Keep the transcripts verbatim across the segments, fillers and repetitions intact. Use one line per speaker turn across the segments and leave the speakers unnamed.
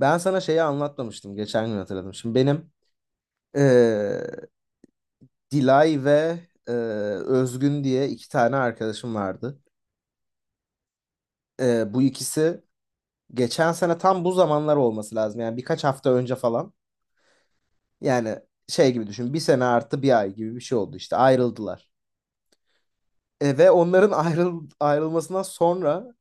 Ben sana şeyi anlatmamıştım. Geçen gün hatırladım. Şimdi benim eee, Dilay ve eee, Özgün diye iki tane arkadaşım vardı. Eee, bu ikisi geçen sene tam bu zamanlar olması lazım. Yani birkaç hafta önce falan. Yani şey gibi düşün. Bir sene artı bir ay gibi bir şey oldu işte. Ayrıldılar. E, ve onların ayrıl ayrılmasından sonra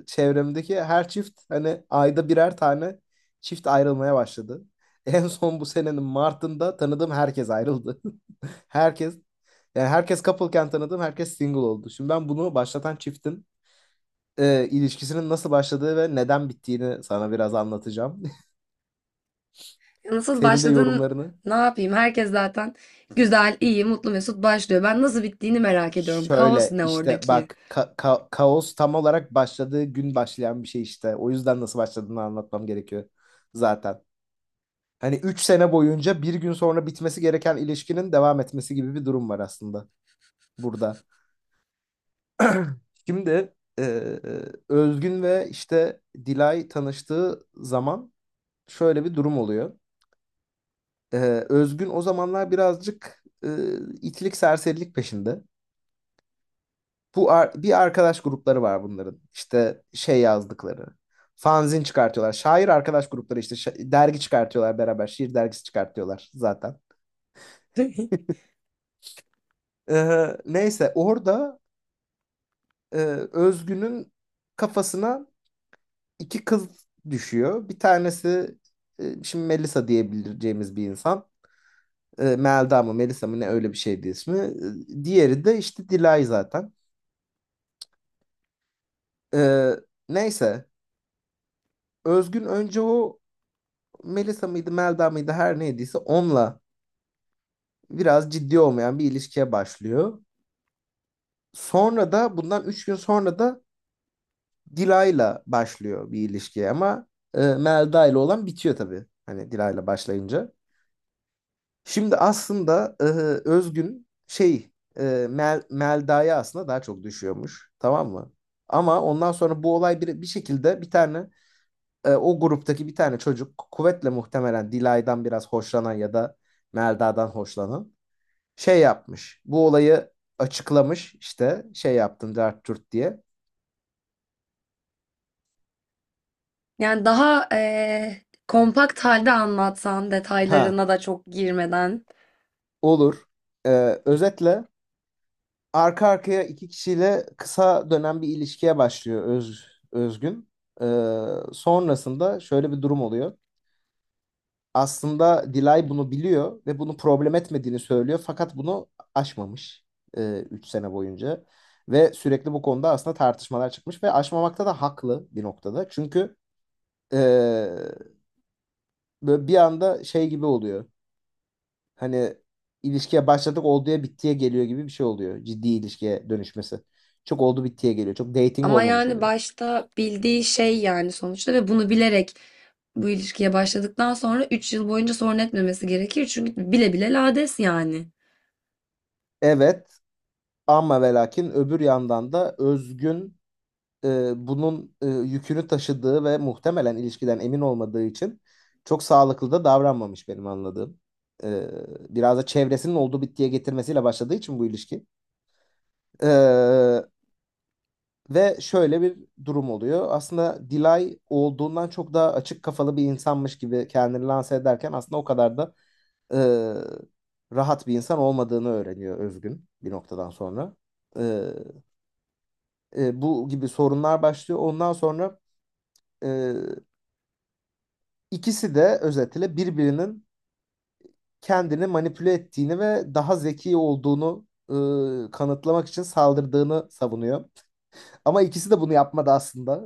e, çevremdeki her çift hani ayda birer tane çift ayrılmaya başladı. En son bu senenin Mart'ında tanıdığım herkes ayrıldı. Herkes, yani herkes couple'ken tanıdığım herkes single oldu. Şimdi ben bunu başlatan çiftin e, ilişkisinin nasıl başladığı ve neden bittiğini sana biraz anlatacağım.
Nasıl
Senin de
başladın?
yorumlarını.
Ne yapayım? Herkes zaten güzel, iyi, mutlu, mesut başlıyor. Ben nasıl bittiğini merak ediyorum. Kaos
Şöyle
ne
işte
oradaki?
bak, ka- ka- kaos tam olarak başladığı gün başlayan bir şey işte. O yüzden nasıl başladığını anlatmam gerekiyor zaten. Hani üç sene boyunca bir gün sonra bitmesi gereken ilişkinin devam etmesi gibi bir durum var aslında burada. Şimdi e, Özgün ve işte Dilay tanıştığı zaman şöyle bir durum oluyor. E, Özgün o zamanlar birazcık e, itlik serserilik peşinde. Bu ar- bir arkadaş grupları var bunların. İşte şey yazdıkları. Fanzin çıkartıyorlar. Şair arkadaş grupları işte şa- dergi çıkartıyorlar beraber. Şiir dergisi çıkartıyorlar zaten. Ee, neyse orada e, Özgün'ün kafasına iki kız düşüyor. Bir tanesi e, şimdi Melisa diyebileceğimiz bir insan. E, Melda mı Melisa mı ne öyle bir şeydi ismi. E, diğeri de işte Dilay zaten. E, Neyse Özgün önce o Melisa mıydı, Melda mıydı her neydiyse onunla biraz ciddi olmayan bir ilişkiye başlıyor. Sonra da bundan üç gün sonra da Dilay'la başlıyor bir ilişkiye ama e, Melda ile olan bitiyor tabii. Hani Dilay'la başlayınca. Şimdi aslında e, Özgün şey, e, Mel, Melda'ya aslında daha çok düşüyormuş. Tamam mı? Ama ondan sonra bu olay bir, bir şekilde bir tane e, o gruptaki bir tane çocuk, kuvvetle muhtemelen Dilay'dan biraz hoşlanan ya da Melda'dan hoşlanan, şey yapmış. Bu olayı açıklamış, işte şey yaptım dert cürt diye.
Yani daha eee, kompakt halde anlatsan,
Ha,
detaylarına da çok girmeden.
olur. Ee, özetle arka arkaya iki kişiyle kısa dönem bir ilişkiye başlıyor Öz, Özgün. Ee, sonrasında şöyle bir durum oluyor. Aslında Dilay bunu biliyor ve bunu problem etmediğini söylüyor fakat bunu aşmamış e, üç sene boyunca. Ve sürekli bu konuda aslında tartışmalar çıkmış ve aşmamakta da haklı bir noktada. Çünkü e, böyle bir anda şey gibi oluyor. Hani ilişkiye başladık, olduya bittiye geliyor gibi bir şey oluyor. Ciddi ilişkiye dönüşmesi. Çok oldu bittiye geliyor. Çok dating
Ama
olmamış
yani
oluyor.
başta bildiği şey yani sonuçta ve bunu bilerek bu ilişkiye başladıktan sonra üç yıl boyunca sorun etmemesi gerekir. Çünkü bile bile lades yani.
Evet, ama ve lakin öbür yandan da Özgün e, bunun e, yükünü taşıdığı ve muhtemelen ilişkiden emin olmadığı için çok sağlıklı da davranmamış, benim anladığım. E, Biraz da çevresinin oldu bittiye getirmesiyle başladığı için bu ilişki. E, Ve şöyle bir durum oluyor. Aslında Dilay olduğundan çok daha açık kafalı bir insanmış gibi kendini lanse ederken aslında o kadar da e, rahat bir insan olmadığını öğreniyor Özgün bir noktadan sonra. E, e, Bu gibi sorunlar başlıyor. Ondan sonra e, ikisi de özetle birbirinin kendini manipüle ettiğini ve daha zeki olduğunu e, kanıtlamak için saldırdığını savunuyor. Ama ikisi de bunu yapmadı aslında.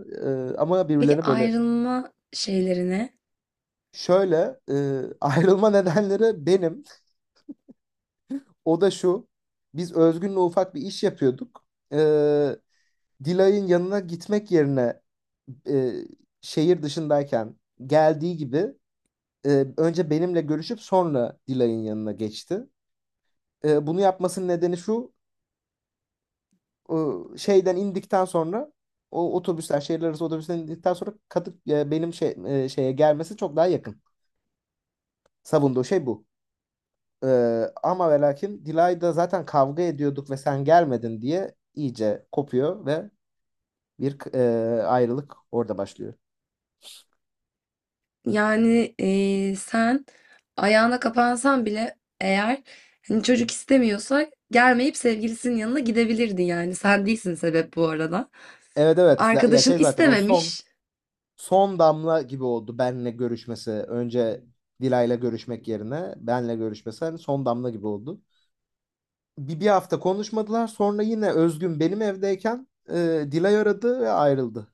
E, ama
Peki
birbirlerini böyle.
ayrılma şeyleri ne?
Şöyle e, ayrılma nedenleri benim. O da şu. Biz Özgün'le ufak bir iş yapıyorduk. E, Dilay'ın yanına gitmek yerine e, şehir dışındayken geldiği gibi e, önce benimle görüşüp sonra Dilay'ın yanına geçti. E, bunu yapmasının nedeni şu. E, şeyden indikten sonra, o otobüsler, şehirler arası otobüsten indikten sonra Kadık e, benim şey, e, şeye gelmesi çok daha yakın. Savunduğu şey bu. Ee, ama ve lakin Dilay'da zaten kavga ediyorduk ve sen gelmedin diye iyice kopuyor ve bir e, ayrılık orada başlıyor.
Yani eee, sen ayağına kapansan bile eğer hani çocuk istemiyorsa gelmeyip sevgilisinin yanına gidebilirdi yani. Sen değilsin sebep bu arada.
Evet, evet, Z- ya
Arkadaşın
şey zaten o son
istememiş.
son damla gibi oldu benle görüşmesi. Önce Dilay'la görüşmek yerine benle görüşmesi hani son damla gibi oldu. Bir, bir hafta konuşmadılar, sonra yine Özgün benim evdeyken e, Dilay aradı ve ayrıldı.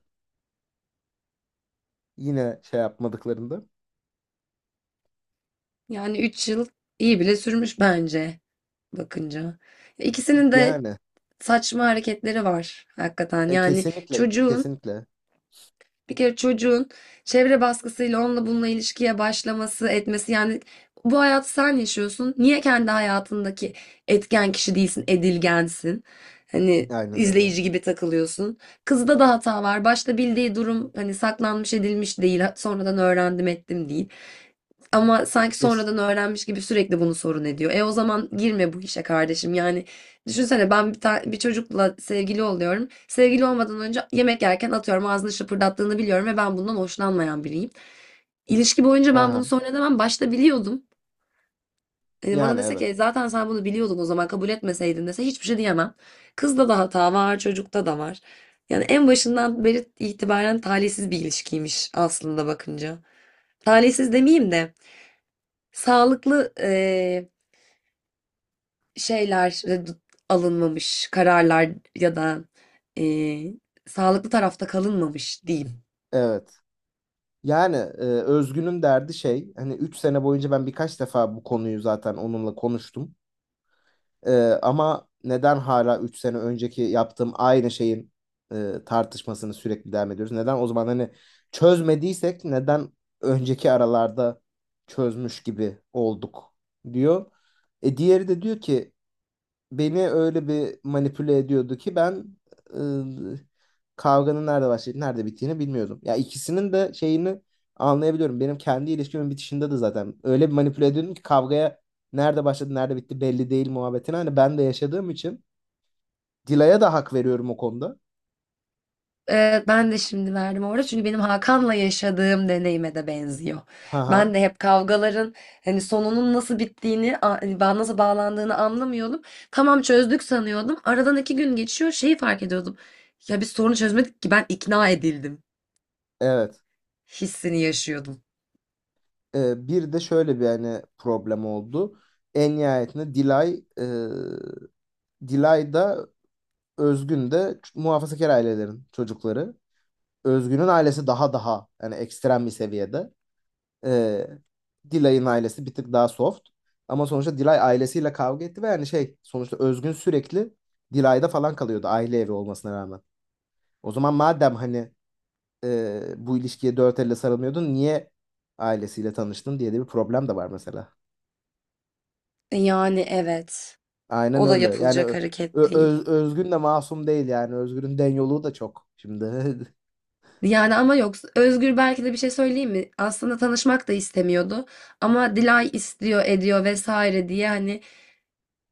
Yine şey yapmadıklarında.
Yani üç yıl iyi bile sürmüş bence bakınca. İkisinin de
Yani
saçma hareketleri var hakikaten.
e,
Yani
kesinlikle,
çocuğun
kesinlikle.
bir kere çocuğun çevre baskısıyla onunla bununla ilişkiye başlaması, etmesi yani bu hayatı sen yaşıyorsun. Niye kendi hayatındaki etken kişi değilsin, edilgensin? Hani
Aynen öyle.
izleyici gibi takılıyorsun. Kızda da hata var. Başta bildiği durum hani saklanmış edilmiş değil. Sonradan öğrendim ettim değil. Ama sanki
Kes-
sonradan öğrenmiş gibi sürekli bunu sorun ediyor. E o zaman girme bu işe kardeşim. Yani, düşünsene ben bir, ta- bir çocukla sevgili oluyorum. Sevgili olmadan önce yemek yerken atıyorum ağzını şıpırdattığını biliyorum ve ben bundan hoşlanmayan biriyim. İlişki boyunca
Ha
ben
ha.
bunu sonra demem. Başta biliyordum. E, bana
Yani
dese ki
evet.
"E, zaten sen bunu biliyordun o zaman kabul etmeseydin" dese hiçbir şey diyemem. Kızda da hata var, çocukta da var. Yani en başından beri itibaren talihsiz bir ilişkiymiş aslında bakınca. Talihsiz demeyeyim de sağlıklı şeyler e, d- alınmamış kararlar ya da e, sağlıklı tarafta kalınmamış diyeyim.
Evet. Yani e, Özgün'ün derdi şey, hani üç sene boyunca ben birkaç defa bu konuyu zaten onunla konuştum. E, Ama neden hala üç sene önceki yaptığım aynı şeyin e, tartışmasını sürekli devam ediyoruz? Neden o zaman, hani çözmediysek, neden önceki aralarda çözmüş gibi olduk, diyor. E diğeri de diyor ki, beni öyle bir manipüle ediyordu ki ben ıı, kavganın nerede başlayıp nerede bittiğini bilmiyordum. Ya, ikisinin de şeyini anlayabiliyorum. Benim kendi ilişkimin bitişinde de zaten öyle bir manipüle ediyordum ki kavgaya nerede başladı nerede bitti belli değil muhabbetini. Hani ben de yaşadığım için Dila'ya da hak veriyorum o konuda.
Evet, ben de şimdi verdim orada çünkü benim Hakan'la yaşadığım deneyime de benziyor.
Haha,
Ben de hep kavgaların hani sonunun nasıl bittiğini, a- hani ba- nasıl bağlandığını anlamıyordum. Tamam, çözdük sanıyordum. Aradan iki gün geçiyor, şeyi fark ediyordum. Ya biz sorunu çözmedik ki, ben ikna edildim
evet.
hissini yaşıyordum.
Ee, bir de şöyle bir hani problem oldu. En nihayetinde Dilay e, Dilay da Özgün de ç- muhafazakar ailelerin çocukları. Özgün'ün ailesi daha daha yani ekstrem bir seviyede. Ee, Dilay'ın ailesi bir tık daha soft. Ama sonuçta Dilay ailesiyle kavga etti ve yani şey, sonuçta Özgün sürekli Dilay'da falan kalıyordu aile evi olmasına rağmen. O zaman madem hani e, bu ilişkiye dört elle sarılmıyordun niye ailesiyle tanıştın diye de bir problem de var mesela.
Yani evet,
Aynen
o da
öyle. Yani
yapılacak
Ö-
hareket
Ö-
değil.
Öz- Özgün de masum değil yani. Özgün'ün den yolu da çok. Şimdi
Yani ama yok. Özgür belki de, bir şey söyleyeyim mi? Aslında tanışmak da istemiyordu. Ama Dilay istiyor, ediyor vesaire diye hani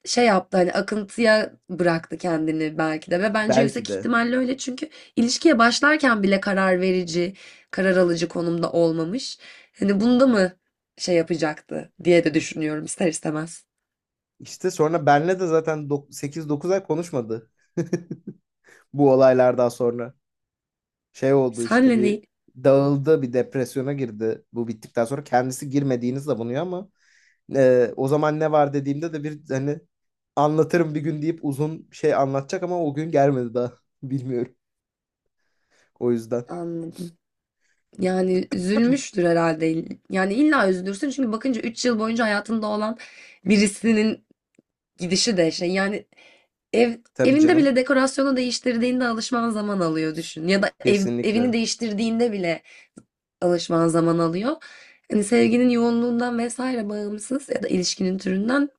şey yaptı, hani akıntıya bıraktı kendini belki de, ve bence
belki
yüksek
de.
ihtimalle öyle çünkü ilişkiye başlarken bile karar verici, karar alıcı konumda olmamış. Hani bunda mı şey yapacaktı diye de düşünüyorum ister istemez.
İşte sonra benle de zaten sekiz dokuz ay konuşmadı. Bu olaylardan sonra şey oldu işte,
Senle ne?
bir dağıldı, bir depresyona girdi bu bittikten sonra. Kendisi girmediğini savunuyor ama e, o zaman ne var dediğimde de, bir hani anlatırım bir gün deyip uzun şey anlatacak ama o gün gelmedi daha. Bilmiyorum, o yüzden.
Anladım. Yani üzülmüştür herhalde. Yani illa üzülürsün çünkü bakınca üç yıl boyunca hayatında olan birisinin gidişi de şey yani, ev
Tabii
evinde
canım,
bile dekorasyonu değiştirdiğinde alışman zaman alıyor, düşün. Ya da ev, evini
kesinlikle
değiştirdiğinde bile alışman zaman alıyor. Hani sevginin yoğunluğundan vesaire bağımsız ya da ilişkinin türünden,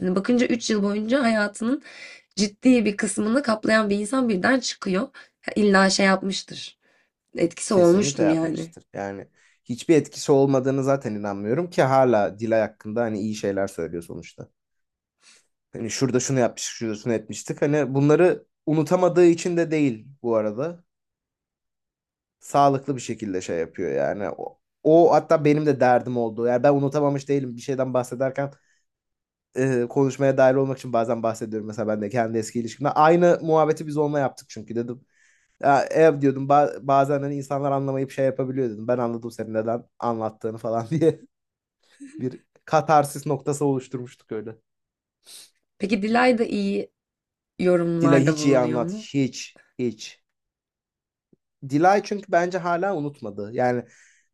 hani bakınca üç yıl boyunca hayatının ciddi bir kısmını kaplayan bir insan birden çıkıyor. Ha, İlla şey yapmıştır. Etkisi
kesinlikle
olmuştur yani.
yapmıştır yani. Hiçbir etkisi olmadığını zaten inanmıyorum ki, hala Dilay hakkında hani iyi şeyler söylüyor sonuçta. Hani şurada şunu yapmıştık, şurada şunu etmiştik. Hani bunları unutamadığı için de değil bu arada. Sağlıklı bir şekilde şey yapıyor yani. O, o hatta benim de derdim oldu. Yani ben unutamamış değilim, bir şeyden bahsederken e, konuşmaya dahil olmak için bazen bahsediyorum. Mesela ben de kendi eski ilişkimde. Aynı muhabbeti biz onunla yaptık çünkü, dedim. Ya, ev diyordum ba- bazen hani insanlar anlamayıp şey yapabiliyor, dedim. Ben anladım senin neden anlattığını falan diye bir katarsis noktası oluşturmuştuk öyle.
Peki Dilay da iyi
Dilay
yorumlarda
hiç iyi
bulunuyor
anlat.
mu?
Hiç. Hiç. Dilay, çünkü bence hala unutmadı. Yani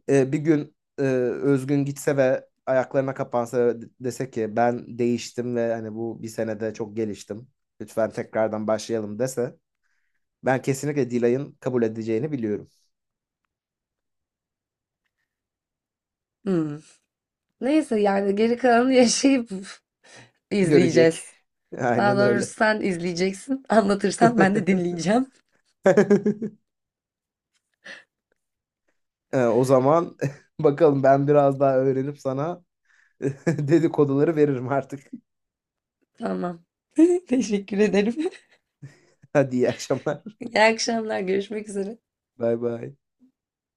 e, bir gün e, Özgün gitse ve ayaklarına kapansa ve de- dese ki ben değiştim ve hani bu bir senede çok geliştim, lütfen tekrardan başlayalım dese, ben kesinlikle Dilay'ın kabul edeceğini biliyorum.
Hmm. Neyse, yani geri kalanı yaşayıp
Görecek.
izleyeceğiz. Daha
Aynen
doğrusu
öyle.
sen izleyeceksin. Anlatırsan ben de dinleyeceğim.
E, o zaman bakalım, ben biraz daha öğrenip sana dedikoduları veririm artık.
Tamam. Teşekkür ederim.
Hadi, iyi akşamlar.
İyi akşamlar. Görüşmek üzere.
Bay bay.